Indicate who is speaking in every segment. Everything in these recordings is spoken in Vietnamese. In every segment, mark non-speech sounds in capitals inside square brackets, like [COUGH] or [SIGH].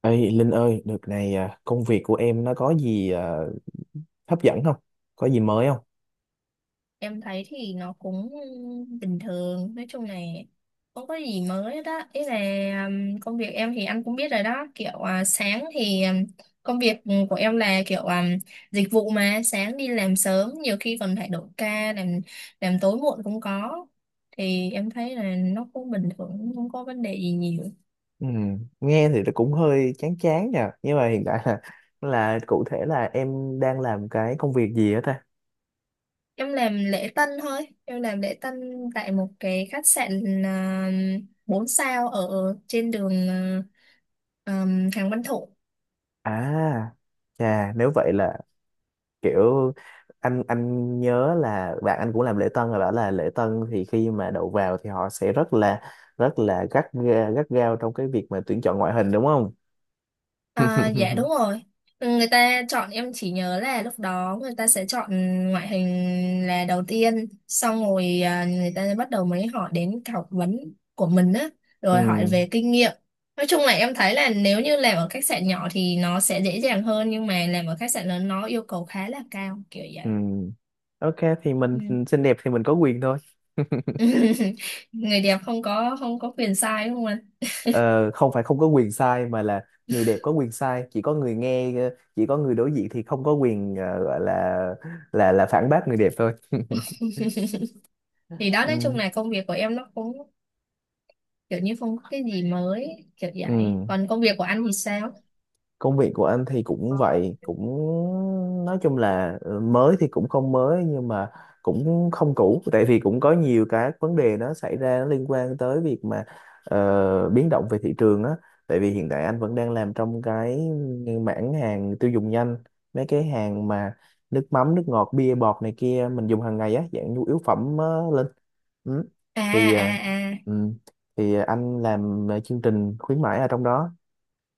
Speaker 1: Ê Linh ơi, đợt này công việc của em nó có gì hấp dẫn không? Có gì mới không?
Speaker 2: Em thấy thì nó cũng bình thường, nói chung là không có gì mới hết á. Ý là công việc em thì anh cũng biết rồi đó, kiểu sáng thì công việc của em là kiểu dịch vụ mà sáng đi làm sớm, nhiều khi còn phải đổi ca làm tối muộn cũng có. Thì em thấy là nó cũng bình thường, không có vấn đề gì nhiều.
Speaker 1: Nghe thì nó cũng hơi chán chán nha. Nhưng mà hiện tại là, [LAUGHS] là cụ thể là em đang làm cái công việc gì á ta?
Speaker 2: Em làm lễ tân thôi, em làm lễ tân tại một cái khách sạn 4 sao ở trên đường Hàng Văn Thụ.
Speaker 1: À, chà, nếu vậy là kiểu anh nhớ là bạn anh cũng làm lễ tân rồi bảo là lễ tân thì khi mà đậu vào thì họ sẽ rất là gắt gao trong cái việc mà tuyển chọn ngoại hình đúng không?
Speaker 2: À, dạ
Speaker 1: [LAUGHS]
Speaker 2: đúng rồi. Ừ, người ta chọn em, chỉ nhớ là lúc đó người ta sẽ chọn ngoại hình là đầu tiên, xong rồi người ta bắt đầu mới hỏi đến cái học vấn của mình á,
Speaker 1: Ừ.
Speaker 2: rồi hỏi về kinh nghiệm. Nói chung là em thấy là nếu như làm ở khách sạn nhỏ thì nó sẽ dễ dàng hơn, nhưng mà làm ở khách sạn lớn nó yêu cầu khá là cao, kiểu
Speaker 1: Ừ.
Speaker 2: vậy.
Speaker 1: Ok, thì mình
Speaker 2: Ừ.
Speaker 1: xinh đẹp thì mình có quyền thôi. [LAUGHS]
Speaker 2: [LAUGHS] Người đẹp không có quyền sai đúng không anh?
Speaker 1: Ờ, không phải không có quyền sai mà là người đẹp có quyền sai, chỉ có người nghe chỉ có người đối diện thì không có quyền gọi là phản bác người đẹp thôi. [LAUGHS]
Speaker 2: Thì đó, nói chung
Speaker 1: Ừ.
Speaker 2: là công việc của em nó cũng kiểu như không có cái gì mới, kiểu
Speaker 1: Ừ.
Speaker 2: vậy. Còn công việc của anh thì sao?
Speaker 1: Công việc của anh thì cũng vậy, cũng nói chung là mới thì cũng không mới nhưng mà cũng không cũ, tại vì cũng có nhiều cái vấn đề nó xảy ra nó liên quan tới việc mà biến động về thị trường á. Tại vì hiện tại anh vẫn đang làm trong cái mảng hàng tiêu dùng nhanh, mấy cái hàng mà nước mắm, nước ngọt, bia bọt này kia mình dùng hàng ngày á, dạng nhu yếu phẩm lên. Ừ.
Speaker 2: à
Speaker 1: Thì
Speaker 2: à
Speaker 1: ừ.
Speaker 2: à
Speaker 1: Thì anh làm chương trình khuyến mãi ở trong đó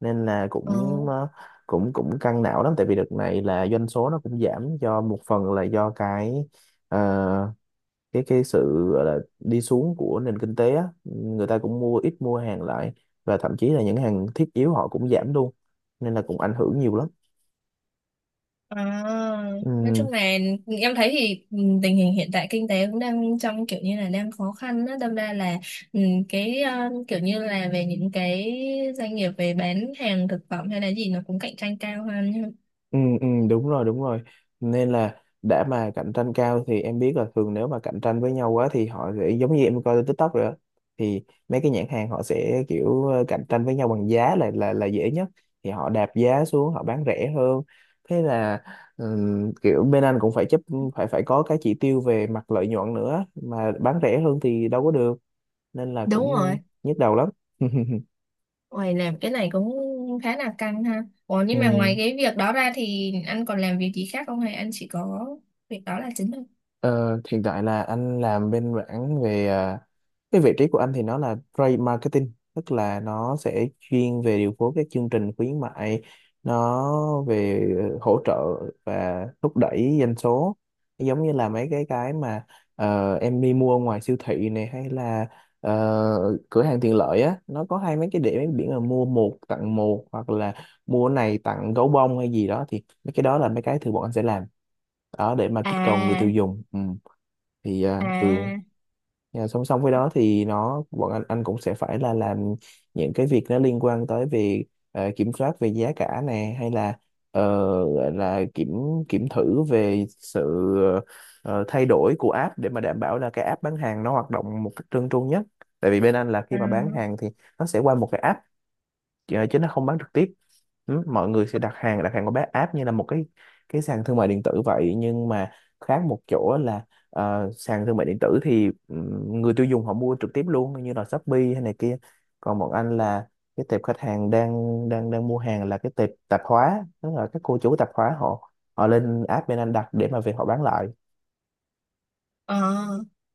Speaker 1: nên là
Speaker 2: ờ
Speaker 1: cũng ờ, cũng cũng căng não lắm, tại vì đợt này là doanh số nó cũng giảm, do một phần là do cái ờ, cái sự gọi là đi xuống của nền kinh tế á. Người ta cũng mua ít, mua hàng lại, và thậm chí là những hàng thiết yếu họ cũng giảm luôn nên là cũng ảnh hưởng nhiều lắm.
Speaker 2: à, nói
Speaker 1: Ừ.
Speaker 2: chung là em thấy thì tình hình hiện tại kinh tế cũng đang trong kiểu như là đang khó khăn đó, đâm ra là ừ, kiểu như là về những cái doanh nghiệp về bán hàng thực phẩm hay là gì nó cũng cạnh tranh cao hơn.
Speaker 1: Ừ, ừ, đúng rồi, đúng rồi, nên là đã mà cạnh tranh cao thì em biết là thường nếu mà cạnh tranh với nhau quá thì họ sẽ giống như em coi trên TikTok rồi đó, thì mấy cái nhãn hàng họ sẽ kiểu cạnh tranh với nhau bằng giá là dễ nhất, thì họ đạp giá xuống, họ bán rẻ hơn. Thế là kiểu bên anh cũng phải chấp phải phải có cái chỉ tiêu về mặt lợi nhuận nữa, mà bán rẻ hơn thì đâu có được, nên là
Speaker 2: Đúng
Speaker 1: cũng
Speaker 2: rồi.
Speaker 1: nhức đầu lắm. [LAUGHS]
Speaker 2: Ôi, làm cái này cũng khá là căng ha. Ủa,
Speaker 1: Ừ.
Speaker 2: nhưng mà ngoài cái việc đó ra thì anh còn làm việc gì khác không, hay anh chỉ có việc đó là chính thôi?
Speaker 1: Ờ, hiện tại là anh làm bên mảng về cái vị trí của anh thì nó là trade marketing, tức là nó sẽ chuyên về điều phối các chương trình khuyến mại. Nó về hỗ trợ và thúc đẩy doanh số, giống như là mấy cái mà em đi mua ngoài siêu thị này hay là ờ, cửa hàng tiện lợi á, nó có hai mấy cái điểm, mấy biển là mua một tặng một hoặc là mua này tặng gấu bông hay gì đó, thì mấy cái đó là mấy cái thường bọn anh sẽ làm đó để mà kích cầu người
Speaker 2: À,
Speaker 1: tiêu dùng. Ừ. Thì uh,
Speaker 2: à.
Speaker 1: và song song với đó thì nó bọn anh cũng sẽ phải là làm những cái việc nó liên quan tới về kiểm soát về giá cả nè, hay là ờ, gọi là kiểm kiểm thử về sự ờ, thay đổi của app để mà đảm bảo là cái app bán hàng nó hoạt động một cách trơn tru nhất. Tại vì bên anh là khi
Speaker 2: À.
Speaker 1: mà bán hàng thì nó sẽ qua một cái app chứ nó không bán trực tiếp. Mọi người sẽ đặt hàng qua bán app như là một cái sàn thương mại điện tử vậy, nhưng mà khác một chỗ là sàn thương mại điện tử thì người tiêu dùng họ mua trực tiếp luôn như là Shopee hay này kia, còn bọn anh là cái tệp khách hàng đang đang đang mua hàng là cái tệp tạp hóa, tức là các cô chủ tạp hóa họ họ lên app bên anh đặt để mà về họ bán lại.
Speaker 2: Ờ,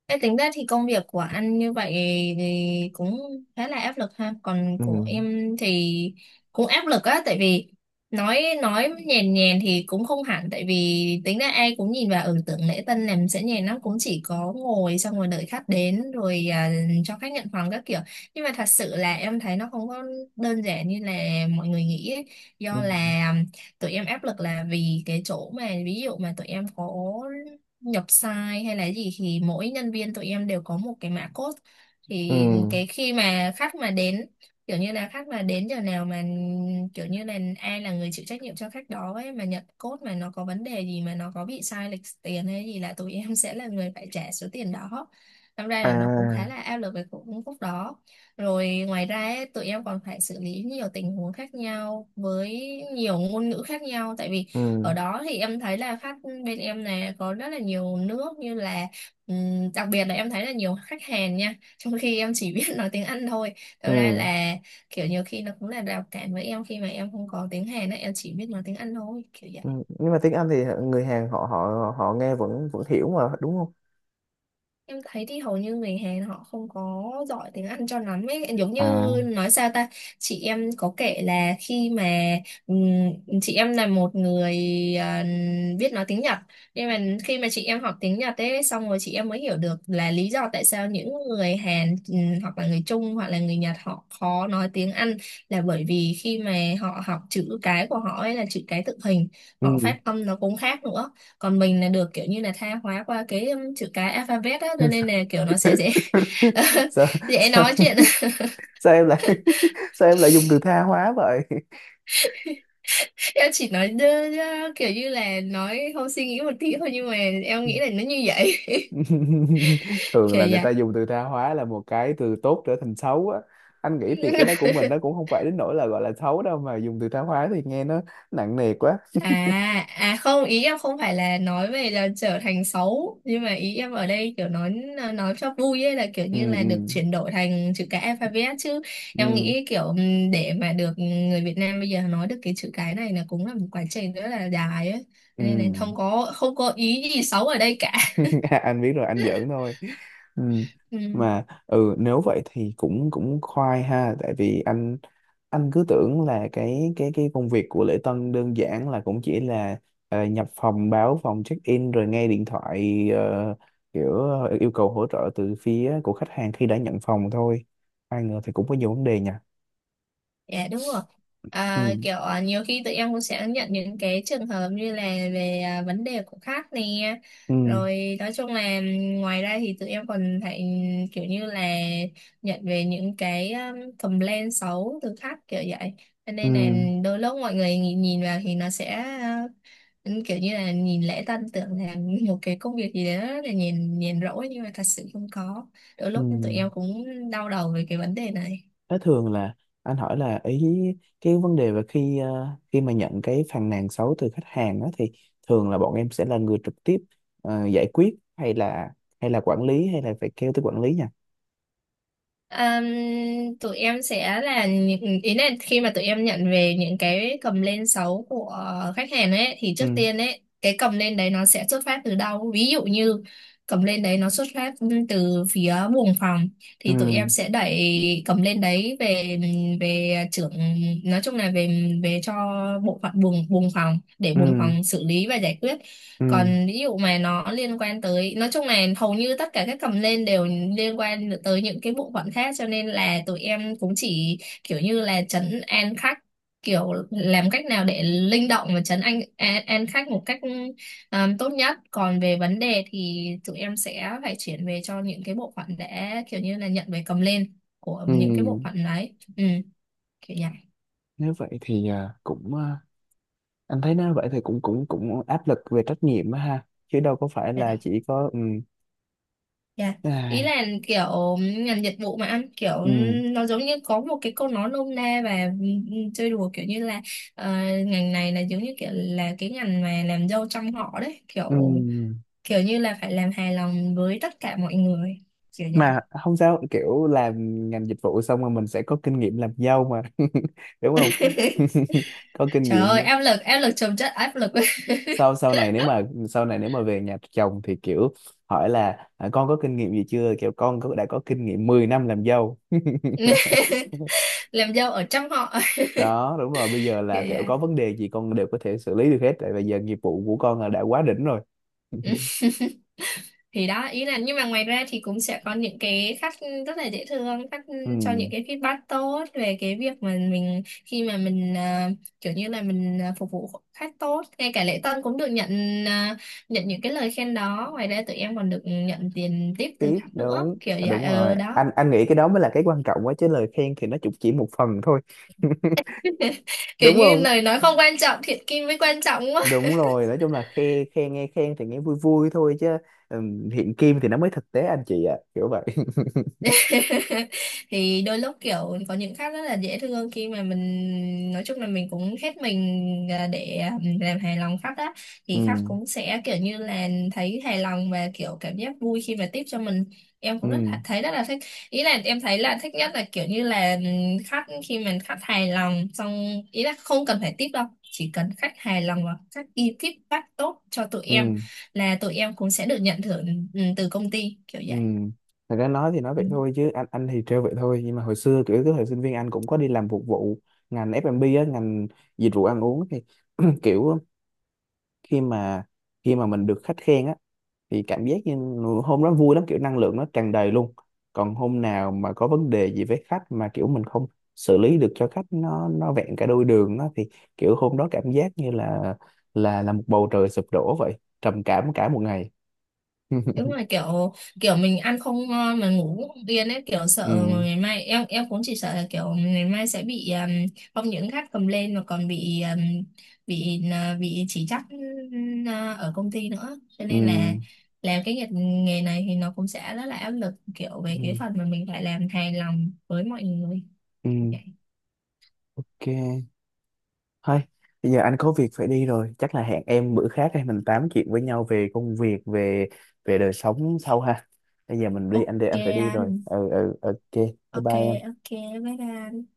Speaker 2: thế tính ra thì công việc của anh như vậy thì cũng khá là áp lực ha. Còn
Speaker 1: Ừ.
Speaker 2: của em thì cũng áp lực á, tại vì nói nhèn nhèn thì cũng không hẳn, tại vì tính ra ai cũng nhìn vào tưởng lễ tân làm sẽ nhèn lắm, cũng chỉ có ngồi xong rồi đợi khách đến rồi, cho khách nhận phòng các kiểu. Nhưng mà thật sự là em thấy nó không có đơn giản như là mọi người nghĩ ấy.
Speaker 1: Ừ.
Speaker 2: Do là tụi em áp lực là vì cái chỗ mà ví dụ mà tụi em có nhập sai hay là gì thì mỗi nhân viên tụi em đều có một cái mã code, thì
Speaker 1: Ừ.
Speaker 2: cái khi mà khách mà đến, kiểu như là khách mà đến giờ nào mà kiểu như là ai là người chịu trách nhiệm cho khách đó ấy, mà nhận code mà nó có vấn đề gì, mà nó có bị sai lệch tiền hay gì là tụi [LAUGHS] em sẽ là người phải trả số tiền đó. Năm ra là nó cũng khá là
Speaker 1: À.
Speaker 2: áp lực về cũng khúc đó. Rồi ngoài ra ấy, tụi em còn phải xử lý nhiều tình huống khác nhau với nhiều ngôn ngữ khác nhau, tại vì
Speaker 1: Ừ.
Speaker 2: ở đó thì em thấy là khách bên em này có rất là nhiều nước, như là đặc biệt là em thấy là nhiều khách Hàn nha, trong khi em chỉ [LAUGHS] biết nói tiếng Anh thôi. Thật ra
Speaker 1: Ừ.
Speaker 2: là kiểu nhiều khi nó cũng là rào cản với em, khi mà em không có tiếng Hàn á, em chỉ biết nói tiếng Anh thôi, kiểu vậy.
Speaker 1: Ừ, nhưng mà tiếng Anh thì người Hàn họ họ họ nghe vẫn vẫn hiểu mà đúng không?
Speaker 2: Em thấy thì hầu như người Hàn họ không có giỏi tiếng Anh cho lắm ấy. Giống như
Speaker 1: À,
Speaker 2: nói sao ta, chị em có kể là khi mà ừm, chị em là một người à, biết nói tiếng Nhật, nhưng mà khi mà chị em học tiếng Nhật ấy, xong rồi chị em mới hiểu được là lý do tại sao những người Hàn hoặc là người Trung hoặc là người Nhật họ khó nói tiếng Anh, là bởi vì khi mà họ học chữ cái của họ ấy là chữ cái tượng hình,
Speaker 1: ừ.
Speaker 2: họ phát âm nó cũng khác nữa. Còn mình là được kiểu như là tha hóa qua cái chữ cái alphabet á, cho nên là
Speaker 1: [LAUGHS]
Speaker 2: kiểu nó sẽ dễ
Speaker 1: sao,
Speaker 2: [LAUGHS] dễ
Speaker 1: sao
Speaker 2: nói chuyện. [LAUGHS]
Speaker 1: sao em lại [LAUGHS] sao em lại dùng từ tha hóa vậy?
Speaker 2: Em chỉ nói đơ, đơ, kiểu như là nói không suy nghĩ một tí thôi, nhưng mà em nghĩ là nó như vậy.
Speaker 1: [LAUGHS]
Speaker 2: [LAUGHS]
Speaker 1: Thường
Speaker 2: Kiểu
Speaker 1: là người ta dùng từ tha hóa là một cái từ tốt trở thành xấu á. Anh nghĩ thì cái đó của
Speaker 2: vậy.
Speaker 1: mình
Speaker 2: [LAUGHS]
Speaker 1: nó cũng không phải đến nỗi là gọi là xấu đâu, mà dùng từ tha hóa thì nghe nó nặng nề quá.
Speaker 2: À không, ý em không phải là nói về là trở thành xấu, nhưng mà ý em ở đây kiểu nói cho vui ấy, là kiểu
Speaker 1: Ừ.
Speaker 2: như là
Speaker 1: Ừ.
Speaker 2: được chuyển đổi thành chữ cái alphabet chứ. Em
Speaker 1: Ừ.
Speaker 2: nghĩ kiểu để mà được người Việt Nam bây giờ nói được cái chữ cái này là cũng là một quá trình rất là dài ấy.
Speaker 1: Ừ.
Speaker 2: Nên là không có ý gì xấu ở đây cả.
Speaker 1: [LAUGHS] À, anh biết rồi, anh giỡn thôi. Ừ. Mà
Speaker 2: [LAUGHS]
Speaker 1: ừ, nếu vậy thì cũng cũng khoai ha, tại vì anh cứ tưởng là cái công việc của lễ tân đơn giản là cũng chỉ là nhập phòng, báo phòng, check in, rồi nghe điện thoại kiểu yêu cầu hỗ trợ từ phía của khách hàng khi đã nhận phòng thôi, ai ngờ thì cũng có nhiều vấn đề nha.
Speaker 2: Dạ đúng rồi.
Speaker 1: Ừ.
Speaker 2: À, kiểu nhiều khi tụi em cũng sẽ nhận những cái trường hợp như là về vấn đề của khách nè.
Speaker 1: Ừ.
Speaker 2: Rồi nói chung là, ngoài ra thì tụi em còn phải kiểu như là nhận về những cái complaint xấu từ khách, kiểu vậy. Cho
Speaker 1: Ừ.
Speaker 2: nên là đôi lúc mọi người nhìn vào thì nó sẽ ờ, kiểu như là nhìn lễ tân tưởng là [LAUGHS] một cái công việc gì đó là nhìn nhìn rỗi, nhưng mà thật sự không có. Đôi
Speaker 1: Ừ.
Speaker 2: lúc tụi em cũng đau đầu về cái vấn đề này.
Speaker 1: Thế thường là anh hỏi là ý cái vấn đề về khi mà nhận cái phàn nàn xấu từ khách hàng đó thì thường là bọn em sẽ là người trực tiếp giải quyết hay là quản lý, hay là phải kêu tới quản lý nha.
Speaker 2: Ừm, Tụi em sẽ là những, ý là khi mà tụi em nhận về những cái cầm lên sóng của khách hàng ấy, thì trước
Speaker 1: Ừ.
Speaker 2: tiên ấy cái cầm lên đấy nó sẽ xuất phát từ đâu, ví dụ như cầm lên đấy nó xuất phát từ phía buồng phòng, thì tụi
Speaker 1: Ừ.
Speaker 2: em sẽ đẩy cầm lên đấy về về trưởng, nói chung là về về cho bộ phận buồng buồng phòng, để
Speaker 1: Ừ.
Speaker 2: buồng phòng xử lý và giải quyết.
Speaker 1: Ừ.
Speaker 2: Còn ví dụ mà nó liên quan tới, nói chung là hầu như tất cả các cầm lên đều liên quan tới những cái bộ phận khác, cho nên là tụi em cũng chỉ kiểu như là trấn an khách, kiểu làm cách nào để linh động và trấn an khách một cách tốt nhất. Còn về vấn đề thì tụi em sẽ phải chuyển về cho những cái bộ phận, để kiểu như là nhận về cầm lên của
Speaker 1: Ừ.
Speaker 2: những cái bộ phận đấy, kiểu
Speaker 1: Nếu vậy thì cũng anh thấy nếu vậy thì cũng cũng cũng áp lực về trách nhiệm á ha, chứ đâu có phải là
Speaker 2: vậy.
Speaker 1: chỉ có ừ
Speaker 2: Dạ. Ý
Speaker 1: ai,
Speaker 2: là kiểu ngành dịch vụ mà anh, kiểu
Speaker 1: ừ
Speaker 2: nó giống như có một cái câu nói nôm na và chơi đùa, kiểu như là ờ, ngành này là giống như kiểu là cái ngành mà làm dâu trăm họ đấy, kiểu
Speaker 1: ừ
Speaker 2: kiểu như là phải làm hài lòng với tất cả mọi người, kiểu vậy.
Speaker 1: mà không, sao kiểu làm ngành dịch vụ xong rồi mình sẽ có kinh nghiệm làm dâu mà. [LAUGHS] Đúng không?
Speaker 2: [LAUGHS]
Speaker 1: [LAUGHS] Có kinh
Speaker 2: Trời
Speaker 1: nghiệm.
Speaker 2: ơi, áp lực chồng chất áp lực.
Speaker 1: Sau sau này nếu mà sau này nếu mà về nhà chồng thì kiểu hỏi là à, con có kinh nghiệm gì chưa, kiểu con có, đã có kinh nghiệm 10 năm làm dâu. [LAUGHS]
Speaker 2: [LAUGHS] Làm dâu ở trăm họ,
Speaker 1: Đó đúng rồi, bây giờ là
Speaker 2: kiểu vậy.
Speaker 1: kiểu có vấn đề gì con đều có thể xử lý được hết, tại bây giờ nghiệp vụ của con là đã quá đỉnh rồi.
Speaker 2: Ừ.
Speaker 1: [LAUGHS]
Speaker 2: Thì đó, ý là nhưng mà ngoài ra thì cũng sẽ có những cái khách rất là dễ thương, khách cho
Speaker 1: Ừ,
Speaker 2: những cái feedback tốt về cái việc mà mình, khi mà mình kiểu như là mình phục vụ khách tốt, ngay cả lễ tân cũng được nhận à, nhận những cái lời khen đó. Ngoài ra tụi em còn được nhận tiền tip từ
Speaker 1: tiếp
Speaker 2: khách nữa,
Speaker 1: đúng
Speaker 2: kiểu
Speaker 1: à,
Speaker 2: vậy.
Speaker 1: đúng rồi,
Speaker 2: Ờ Đó.
Speaker 1: anh nghĩ cái đó mới là cái quan trọng quá, chứ lời khen thì nó cũng chỉ một phần thôi.
Speaker 2: [LAUGHS]
Speaker 1: [LAUGHS]
Speaker 2: Kiểu
Speaker 1: Đúng
Speaker 2: như
Speaker 1: không?
Speaker 2: lời nói không quan trọng, thiện kim mới quan trọng. [LAUGHS]
Speaker 1: Đúng rồi, nói chung là khen khen nghe khen thì nghe vui vui thôi, chứ hiện kim thì nó mới thực tế, anh chị ạ, kiểu vậy. [LAUGHS]
Speaker 2: [LAUGHS] Thì đôi lúc kiểu có những khách rất là dễ thương, khi mà mình nói chung là mình cũng hết mình để làm hài lòng khách á,
Speaker 1: Ừ.
Speaker 2: thì khách cũng sẽ kiểu như là thấy hài lòng và kiểu cảm giác vui khi mà tiếp cho mình. Em
Speaker 1: Ừ.
Speaker 2: cũng rất là- thấy rất là thích. Ý là em thấy là thích nhất là kiểu như là khách khi mà khách hài lòng xong, ý là không cần phải tiếp đâu, chỉ cần khách hài lòng và khách ghi feedback tốt cho tụi em
Speaker 1: Ừ.
Speaker 2: là tụi em cũng sẽ được nhận thưởng từ công ty, kiểu
Speaker 1: Ừ.
Speaker 2: vậy.
Speaker 1: Thật ra nói thì nói
Speaker 2: Ừ.
Speaker 1: vậy thôi, chứ anh thì trêu vậy thôi, nhưng mà hồi xưa kiểu cái thời sinh viên anh cũng có đi làm phục vụ ngành F&B á, ngành dịch vụ ăn uống thì [CLEARS THROAT] kiểu khi mà khi mà mình được khách khen á thì cảm giác như hôm đó vui lắm, kiểu năng lượng nó tràn đầy luôn. Còn hôm nào mà có vấn đề gì với khách mà kiểu mình không xử lý được cho khách nó vẹn cả đôi đường đó thì kiểu hôm đó cảm giác như là một bầu trời sụp đổ vậy, trầm cảm cả một ngày.
Speaker 2: Đúng
Speaker 1: [LAUGHS]
Speaker 2: rồi, kiểu kiểu mình ăn không ngon mà ngủ cũng không yên ấy, kiểu sợ
Speaker 1: Ừ.
Speaker 2: ngày mai, em cũng chỉ sợ là kiểu ngày mai sẽ bị không những gắt cầm lên, mà còn bị bị bị chỉ trích ở công ty nữa, cho
Speaker 1: Ừ.
Speaker 2: nên là làm cái nghề nghề này thì nó cũng sẽ rất là áp lực, kiểu về cái
Speaker 1: Ừ.
Speaker 2: phần mà mình phải làm hài lòng với mọi người,
Speaker 1: Ừ.
Speaker 2: kiểu vậy.
Speaker 1: Ok thôi, bây giờ anh có việc phải đi rồi, chắc là hẹn em bữa khác hay mình tám chuyện với nhau về công việc, về về đời sống sau ha. Bây giờ mình đi, anh đi,
Speaker 2: Ok
Speaker 1: anh phải đi rồi.
Speaker 2: anh.
Speaker 1: Ừ. Ừ. Ok. Bye
Speaker 2: Ok,
Speaker 1: bye em.
Speaker 2: ok. Bye bye.